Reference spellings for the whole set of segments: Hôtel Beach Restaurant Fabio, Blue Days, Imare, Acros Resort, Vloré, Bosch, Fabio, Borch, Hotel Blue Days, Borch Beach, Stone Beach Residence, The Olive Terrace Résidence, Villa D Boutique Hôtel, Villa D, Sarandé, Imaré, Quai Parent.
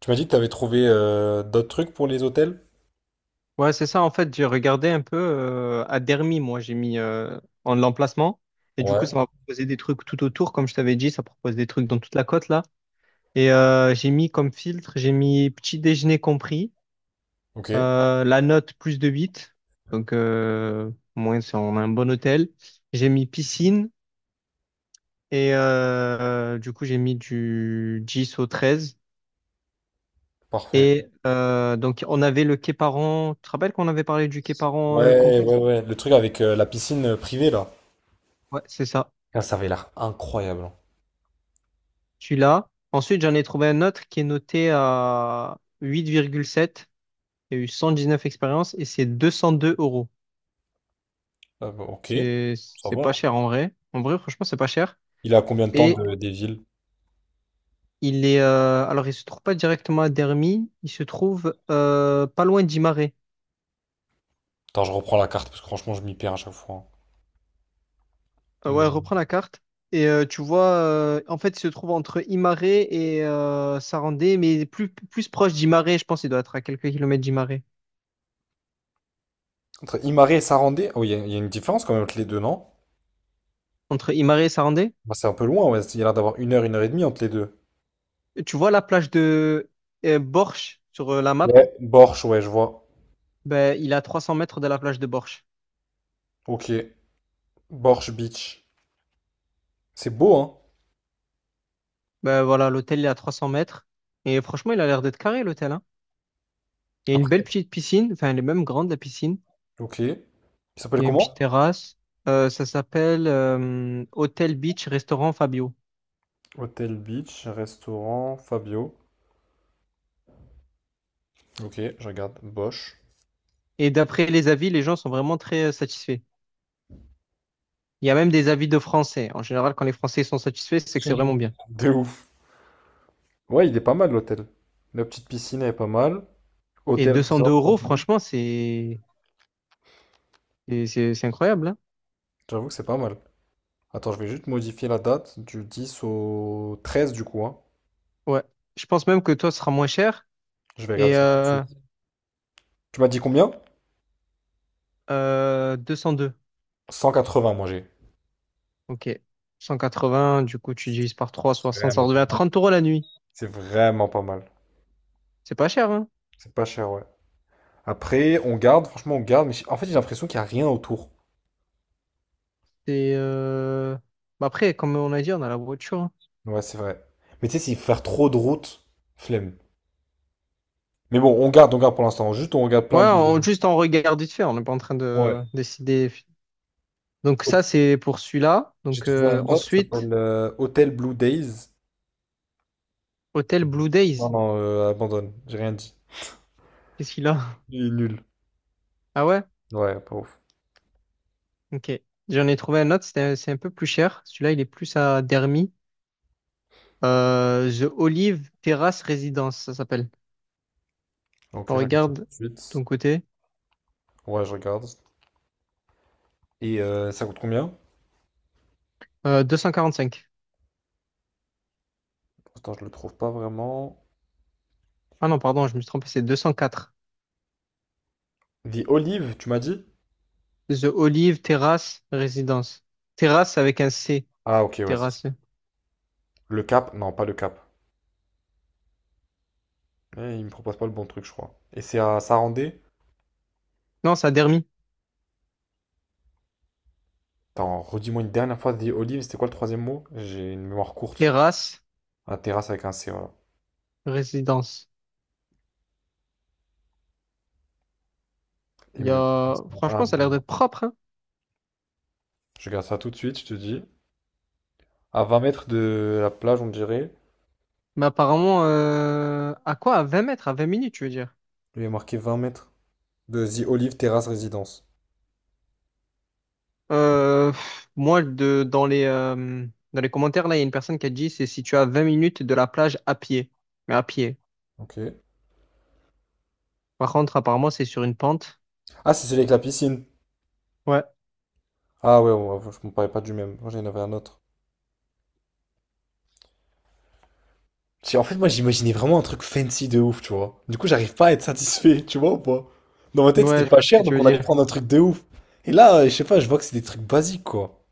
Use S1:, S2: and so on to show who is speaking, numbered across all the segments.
S1: Tu m'as dit que tu avais trouvé d'autres trucs pour les hôtels?
S2: Ouais, c'est ça. En fait, j'ai regardé un peu à Dermy, moi, j'ai mis en l'emplacement. Et du coup,
S1: Ouais.
S2: ça m'a proposé des trucs tout autour. Comme je t'avais dit, ça propose des trucs dans toute la côte, là. Et j'ai mis comme filtre, j'ai mis petit déjeuner compris,
S1: Ok,
S2: la note plus de huit. Donc, au moins, on a un bon hôtel. J'ai mis piscine. Et du coup, j'ai mis du 10 au 13.
S1: parfait.
S2: Et donc, on avait le Quai Parent. Tu te rappelles qu'on avait parlé du Quai Parent
S1: Ouais,
S2: complexe?
S1: ouais, ouais. Le truc avec la piscine privée, là.
S2: Ouais, c'est ça.
S1: Ah, ça avait l'air incroyable.
S2: Celui-là. Ensuite, j'en ai trouvé un autre qui est noté à 8,7. Il y a eu 119 expériences et c'est 202 euros.
S1: Ah bah, ok,
S2: C'est,
S1: ça
S2: c'est
S1: va,
S2: pas
S1: hein.
S2: cher en vrai. En vrai, franchement, c'est pas cher.
S1: Il est à combien de temps
S2: Et
S1: des villes?
S2: il est, alors, il se trouve pas directement à Dermy. Il se trouve pas loin d'Imaré.
S1: Attends, je reprends la carte parce que franchement, je m'y perds à chaque fois, hein.
S2: Ouais,
S1: Mais...
S2: reprends la carte. Et tu vois, en fait, il se trouve entre Imaré et Sarandé, mais plus proche d'Imaré, je pense qu'il doit être à quelques kilomètres d'Imaré.
S1: Entre Imare et Sarandé, oh, il y a une différence quand même entre les deux, non?
S2: Entre Imaré et Sarandé?
S1: Bah, c'est un peu loin, ouais. Il y a l'air d'avoir une heure et demie entre les deux.
S2: Tu vois la plage de Borch sur la map?
S1: Ouais. Borch, ouais, je vois.
S2: Ben, il est à 300 mètres de la plage de Borch.
S1: Ok. Borch Beach. C'est beau, hein?
S2: Ben voilà, l'hôtel il est à 300 mètres. Et franchement, il a l'air d'être carré l'hôtel, hein. Il y a une
S1: Après.
S2: belle petite piscine, enfin elle est même grande la piscine.
S1: Ok. Il s'appelle
S2: Il y a une
S1: comment?
S2: petite terrasse. Ça s'appelle Hôtel Beach Restaurant Fabio.
S1: Hôtel Beach, restaurant Fabio. Ok, je regarde. Bosch.
S2: Et d'après les avis, les gens sont vraiment très satisfaits. Il y a même des avis de Français. En général, quand les Français sont satisfaits, c'est que c'est vraiment bien.
S1: De ouf. Ouais, il est pas mal l'hôtel. La petite piscine est pas mal.
S2: Et
S1: Hôtel
S2: 202
S1: Resort,
S2: euros, franchement, c'est incroyable, hein.
S1: j'avoue que c'est pas mal. Attends, je vais juste modifier la date du 10 au 13 du coup, hein.
S2: Ouais. Je pense même que toi, ce sera moins cher.
S1: Je vais regarder
S2: Et
S1: ça. Tu m'as dit combien?
S2: 202.
S1: 180 moi j'ai.
S2: Ok. 180, du coup, tu divises par 3 60, ça
S1: Vraiment.
S2: redevient à 30 € la nuit.
S1: C'est vraiment pas mal.
S2: C'est pas cher, hein?
S1: C'est pas cher, ouais. Après, on garde, franchement, on garde, mais en fait, j'ai l'impression qu'il n'y a rien autour.
S2: C'est. Bah après, comme on a dit, on a la voiture, hein.
S1: Ouais, c'est vrai. Mais tu sais, s'il faut faire trop de route, flemme. Mais bon, on garde pour l'instant. Juste, on regarde plein
S2: Ouais,
S1: de.
S2: juste en regarde vite fait, on n'est pas en train
S1: Ouais.
S2: de décider. Donc, ça, c'est pour celui-là.
S1: J'ai
S2: Donc,
S1: trouvé un autre, ça
S2: ensuite,
S1: s'appelle Hotel Blue Days.
S2: hôtel Blue
S1: Non,
S2: Days.
S1: non, abandonne. J'ai rien dit.
S2: Qu'est-ce qu'il a?
S1: Il est nul.
S2: Ah ouais?
S1: Ouais, pas ouf.
S2: Ok. J'en ai trouvé un autre, c'est un peu plus cher. Celui-là, il est plus à Dermy. The Olive Terrace Residence, ça s'appelle.
S1: Ok,
S2: On
S1: je regarde ça tout
S2: regarde
S1: de
S2: ton
S1: suite.
S2: côté.
S1: Ouais, je regarde. Et ça coûte combien?
S2: 245.
S1: Attends, je le trouve pas vraiment.
S2: Ah non, pardon, je me suis trompé, c'est 204.
S1: The Olive, tu m'as dit?
S2: The Olive Terrace Résidence. Terrace avec un C.
S1: Ah, ok, ouais, c'est ça.
S2: Terrace.
S1: Le Cap? Non, pas le Cap. Eh, il me propose pas le bon truc, je crois. Et c'est à Sarandé?
S2: Non, ça a dermis.
S1: Attends, redis-moi une dernière fois The Olive, c'était quoi le troisième mot? J'ai une mémoire courte.
S2: Terrace
S1: Un terrasse avec un C, voilà.
S2: Résidence.
S1: Il
S2: Il y
S1: me le...
S2: a...
S1: Ah,
S2: Franchement, ça a l'air d'être propre, hein.
S1: je regarde ça tout de suite, je te dis. À 20 mètres de la plage, on dirait.
S2: Mais apparemment, à quoi? À 20 mètres, à 20 minutes, tu veux dire?
S1: Il est marqué 20 mètres de The Olive Terrace Résidence.
S2: Moi, dans les commentaires, là, il y a une personne qui a dit c'est si tu as 20 minutes de la plage à pied. Mais à pied.
S1: Ok.
S2: Par contre, apparemment, c'est sur une pente.
S1: Ah, c'est celui avec la piscine.
S2: Ouais.
S1: Ah ouais, ouais, ouais, je me parlais pas du même. Moi, j'en avais un autre. En fait, moi, j'imaginais vraiment un truc fancy de ouf, tu vois. Du coup, j'arrive pas à être satisfait, tu vois ou pas? Dans ma tête, c'était
S2: Ouais, je
S1: pas
S2: vois ce que
S1: cher,
S2: tu
S1: donc
S2: veux
S1: on allait
S2: dire.
S1: prendre un truc de ouf. Et là, je sais pas, je vois que c'est des trucs basiques, quoi.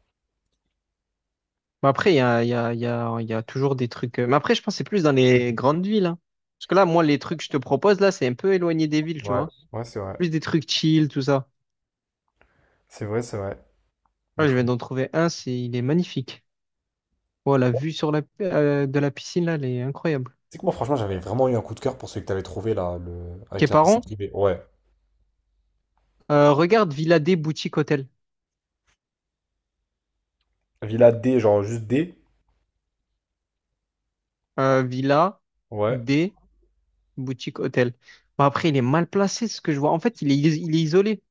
S2: Mais après, il y a, il y a, il y a, il y a toujours des trucs. Mais après, je pense que c'est plus dans les grandes villes, hein. Parce que là, moi, les trucs que je te propose, là, c'est un peu éloigné des villes, tu
S1: Ouais,
S2: vois.
S1: ouais, c'est vrai.
S2: Plus des trucs chill, tout ça.
S1: C'est vrai, c'est vrai. Mais
S2: Là, je
S1: faut...
S2: viens d'en trouver un, il est magnifique. Oh, la vue sur la, de la piscine, là, elle est incroyable.
S1: C'est que moi, franchement, j'avais vraiment eu un coup de cœur pour celui que t'avais trouvé là, le... avec la piscine
S2: Képaron,
S1: privée. Ouais.
S2: regarde Villa D Boutique Hôtel.
S1: Villa D, genre juste D.
S2: Villa
S1: Ouais,
S2: D Boutique Hôtel. Bon, après, il est mal placé, ce que je vois. En fait, il est isolé.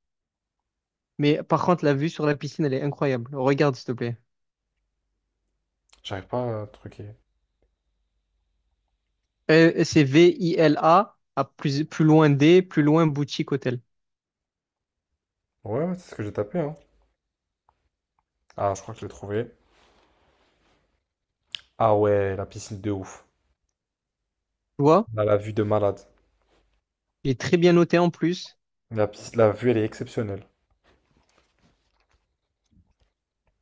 S2: Mais par contre, la vue sur la piscine, elle est incroyable. Regarde, s'il te plaît.
S1: j'arrive pas à truquer.
S2: C'est Vila, à plus loin D, plus loin boutique hôtel.
S1: Ouais, ouais, c'est ce que j'ai tapé, hein. Ah, je crois que je l'ai trouvé. Ah ouais, la piscine de ouf.
S2: Tu vois?
S1: Là, la vue de malade.
S2: Il est très bien noté en plus.
S1: La, piscine, la vue, elle est exceptionnelle.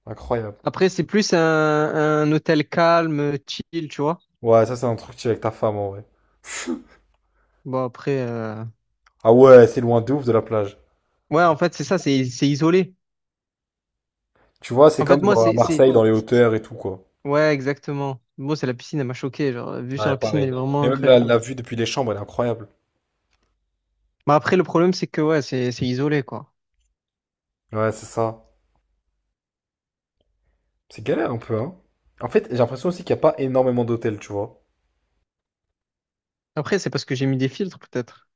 S1: Incroyable.
S2: Après, c'est plus un, hôtel calme, chill, tu vois?
S1: Ouais, ça, c'est un truc que tu fais avec ta femme, en vrai.
S2: Bon, après,
S1: Ah ouais, c'est loin de ouf de la plage.
S2: ouais, en fait, c'est ça, c'est isolé.
S1: Tu vois, c'est
S2: En fait,
S1: comme
S2: moi,
S1: genre à Marseille, dans les
S2: c'est-
S1: hauteurs et tout, quoi.
S2: ouais, exactement. Bon, c'est la piscine, elle m'a choqué. Genre, vue sur la
S1: Ouais,
S2: piscine, elle
S1: pareil.
S2: est vraiment
S1: Mais même la,
S2: incroyable.
S1: la vue depuis les chambres, elle est incroyable.
S2: Mais après, le problème, c'est que, ouais, c'est isolé, quoi.
S1: Ouais, c'est ça. C'est galère un peu, hein. En fait, j'ai l'impression aussi qu'il n'y a pas énormément d'hôtels, tu vois.
S2: Après, c'est parce que j'ai mis des filtres, peut-être.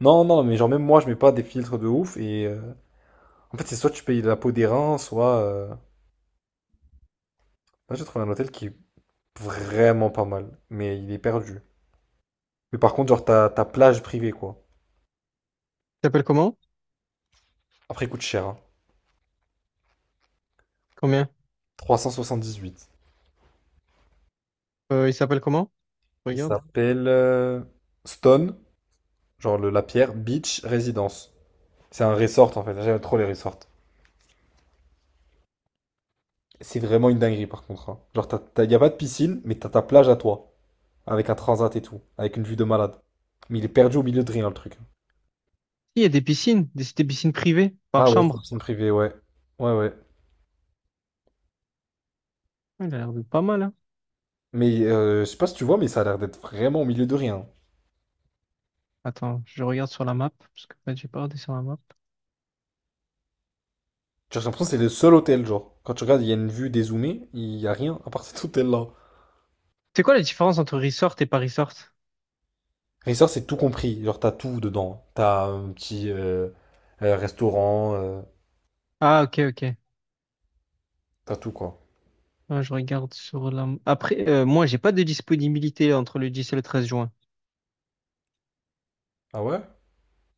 S1: Non, non, mais genre même moi, je mets pas des filtres de ouf et en fait, c'est soit tu payes la peau des reins, soit là, j'ai trouvé un hôtel qui est vraiment pas mal, mais il est perdu. Mais par contre, genre, ta plage privée, quoi.
S2: Il s'appelle comment?
S1: Après, il coûte cher, hein.
S2: Combien?
S1: Huit.
S2: Il s'appelle comment?
S1: Il
S2: Regarde.
S1: s'appelle Stone, genre la pierre, Beach Residence. C'est un resort, en fait. J'aime trop les resorts. C'est vraiment une dinguerie, par contre, hein. Genre, y a pas de piscine, mais t'as ta plage à toi, avec un transat et tout, avec une vue de malade. Mais il est perdu au milieu de rien, le truc.
S2: Il y a des piscines, des piscines privées par
S1: Ah ouais, c'est une
S2: chambre.
S1: piscine privée, ouais. Ouais, ouais.
S2: Ouais, il a l'air de pas mal, hein.
S1: Mais je sais pas si tu vois, mais ça a l'air d'être vraiment au milieu de rien.
S2: Attends, je regarde sur la map, parce que là, j'ai pas regardé sur la map.
S1: Genre, j'ai l'impression que c'est le seul hôtel, genre. Quand tu regardes, il y a une vue dézoomée, il y a rien à part cet hôtel-là.
S2: C'est quoi la différence entre resort et pas resort?
S1: Resort, c'est tout compris. Genre, t'as tout dedans. T'as un petit restaurant,
S2: Ah, ok, ok.
S1: t'as tout, quoi.
S2: Ah, je regarde sur la... Après, moi, j'ai pas de disponibilité entre le 10 et le 13 juin.
S1: Ah ouais?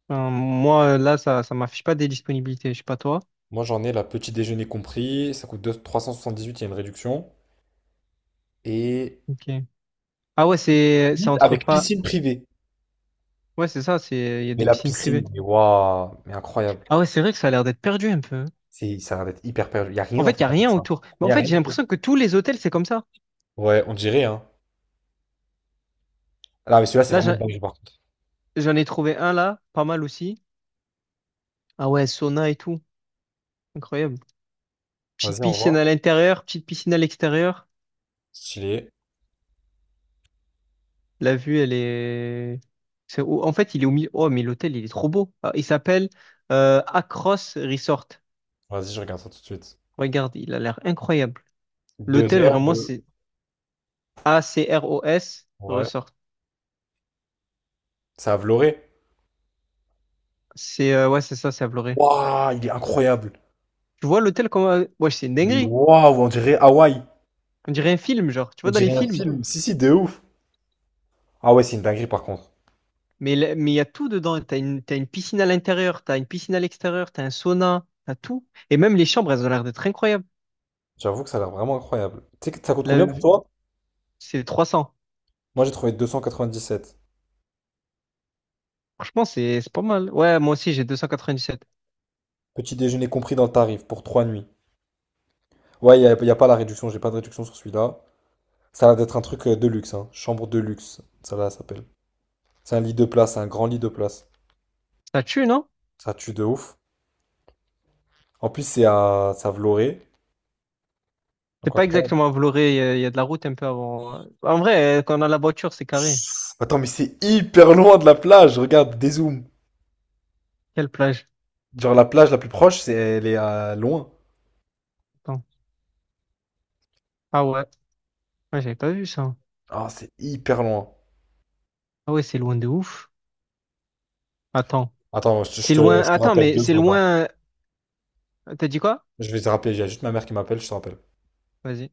S2: Enfin, moi, là, ça m'affiche pas des disponibilités, je sais pas toi.
S1: Moi, j'en ai la petit déjeuner compris. Ça coûte 2 378 il y a une réduction. Et
S2: Ok. Ah ouais, c'est
S1: limite
S2: entre
S1: avec
S2: pas...
S1: piscine privée.
S2: Ouais, c'est ça, il y a
S1: Mais
S2: des
S1: la
S2: piscines privées.
S1: piscine, mais waouh, mais incroyable.
S2: Ah ouais, c'est vrai que ça a l'air d'être perdu un peu, hein.
S1: C'est, ça a l'air d'être hyper perdu. Il y a
S2: En
S1: rien, en
S2: fait,
S1: fait,
S2: il y a
S1: à part
S2: rien
S1: ça.
S2: autour. Mais
S1: Il
S2: en
S1: y a
S2: fait,
S1: rien du
S2: j'ai
S1: tout.
S2: l'impression que tous les hôtels, c'est comme ça.
S1: Ouais, on dirait, hein. Là, mais celui-là, c'est
S2: Là,
S1: vraiment de dingue, par contre.
S2: j'en ai trouvé un là, pas mal aussi. Ah ouais, sauna et tout. Incroyable. Petite
S1: Vas-y, au
S2: piscine à
S1: revoir.
S2: l'intérieur, petite piscine à l'extérieur.
S1: Stylé.
S2: La vue, elle est. En fait, il est au milieu. Oh, mais l'hôtel, il est trop beau. Ah, il s'appelle Acros Resort.
S1: Vas-y, je regarde ça tout de suite.
S2: Regarde, il a l'air incroyable.
S1: Deux
S2: L'hôtel,
S1: heures
S2: vraiment,
S1: de...
S2: c'est Acros
S1: Ouais.
S2: Resort.
S1: C'est à Vloré.
S2: C'est ouais, c'est ça, c'est à Vloré.
S1: Waouh, il est incroyable.
S2: Tu vois l'hôtel comment. Ouais, c'est une
S1: Mais
S2: dinguerie.
S1: waouh, on dirait Hawaï.
S2: On dirait un film, genre. Tu
S1: On
S2: vois dans les
S1: dirait un
S2: films.
S1: film. Si, si, de ouf. Ah ouais, c'est une dinguerie par contre.
S2: Mais il y a tout dedans. T'as une piscine à l'intérieur, t'as une piscine à l'extérieur, t'as un sauna, t'as tout. Et même les chambres, elles ont l'air d'être incroyables.
S1: J'avoue que ça a l'air vraiment incroyable. Tu sais que ça coûte
S2: La...
S1: combien pour toi?
S2: C'est 300.
S1: Moi, j'ai trouvé 297.
S2: Franchement, c'est pas mal. Ouais, moi aussi, j'ai 297.
S1: Petit déjeuner compris dans le tarif pour 3 nuits. Ouais, y a pas la réduction. J'ai pas de réduction sur celui-là. Ça a l'air d'être un truc de luxe, hein. Chambre de luxe. Ça là, ça s'appelle. C'est un lit de place, c'est un grand lit de place.
S2: Ça tue, non?
S1: Ça tue de ouf. En plus, c'est à Vloré.
S2: C'est
S1: Donc,
S2: pas
S1: incroyable.
S2: exactement à Vloré, il y a de la route un peu avant. En vrai, quand on a la voiture, c'est carré.
S1: Attends, mais c'est hyper loin de la plage. Regarde, dézoom.
S2: Quelle plage?
S1: Genre, la plage la plus proche, c'est, elle est à loin.
S2: Attends. Ah ouais, ouais, j'avais pas vu ça.
S1: Ah, c'est hyper loin.
S2: Ah ouais, c'est loin de ouf. Attends.
S1: Attends, je, te, je
S2: C'est loin.
S1: te, je te
S2: Attends,
S1: rappelle
S2: mais
S1: deux
S2: c'est
S1: secondes. là.
S2: loin. T'as dit quoi?
S1: Je vais te rappeler. Il y a juste ma mère qui m'appelle, je te rappelle.
S2: Vas-y.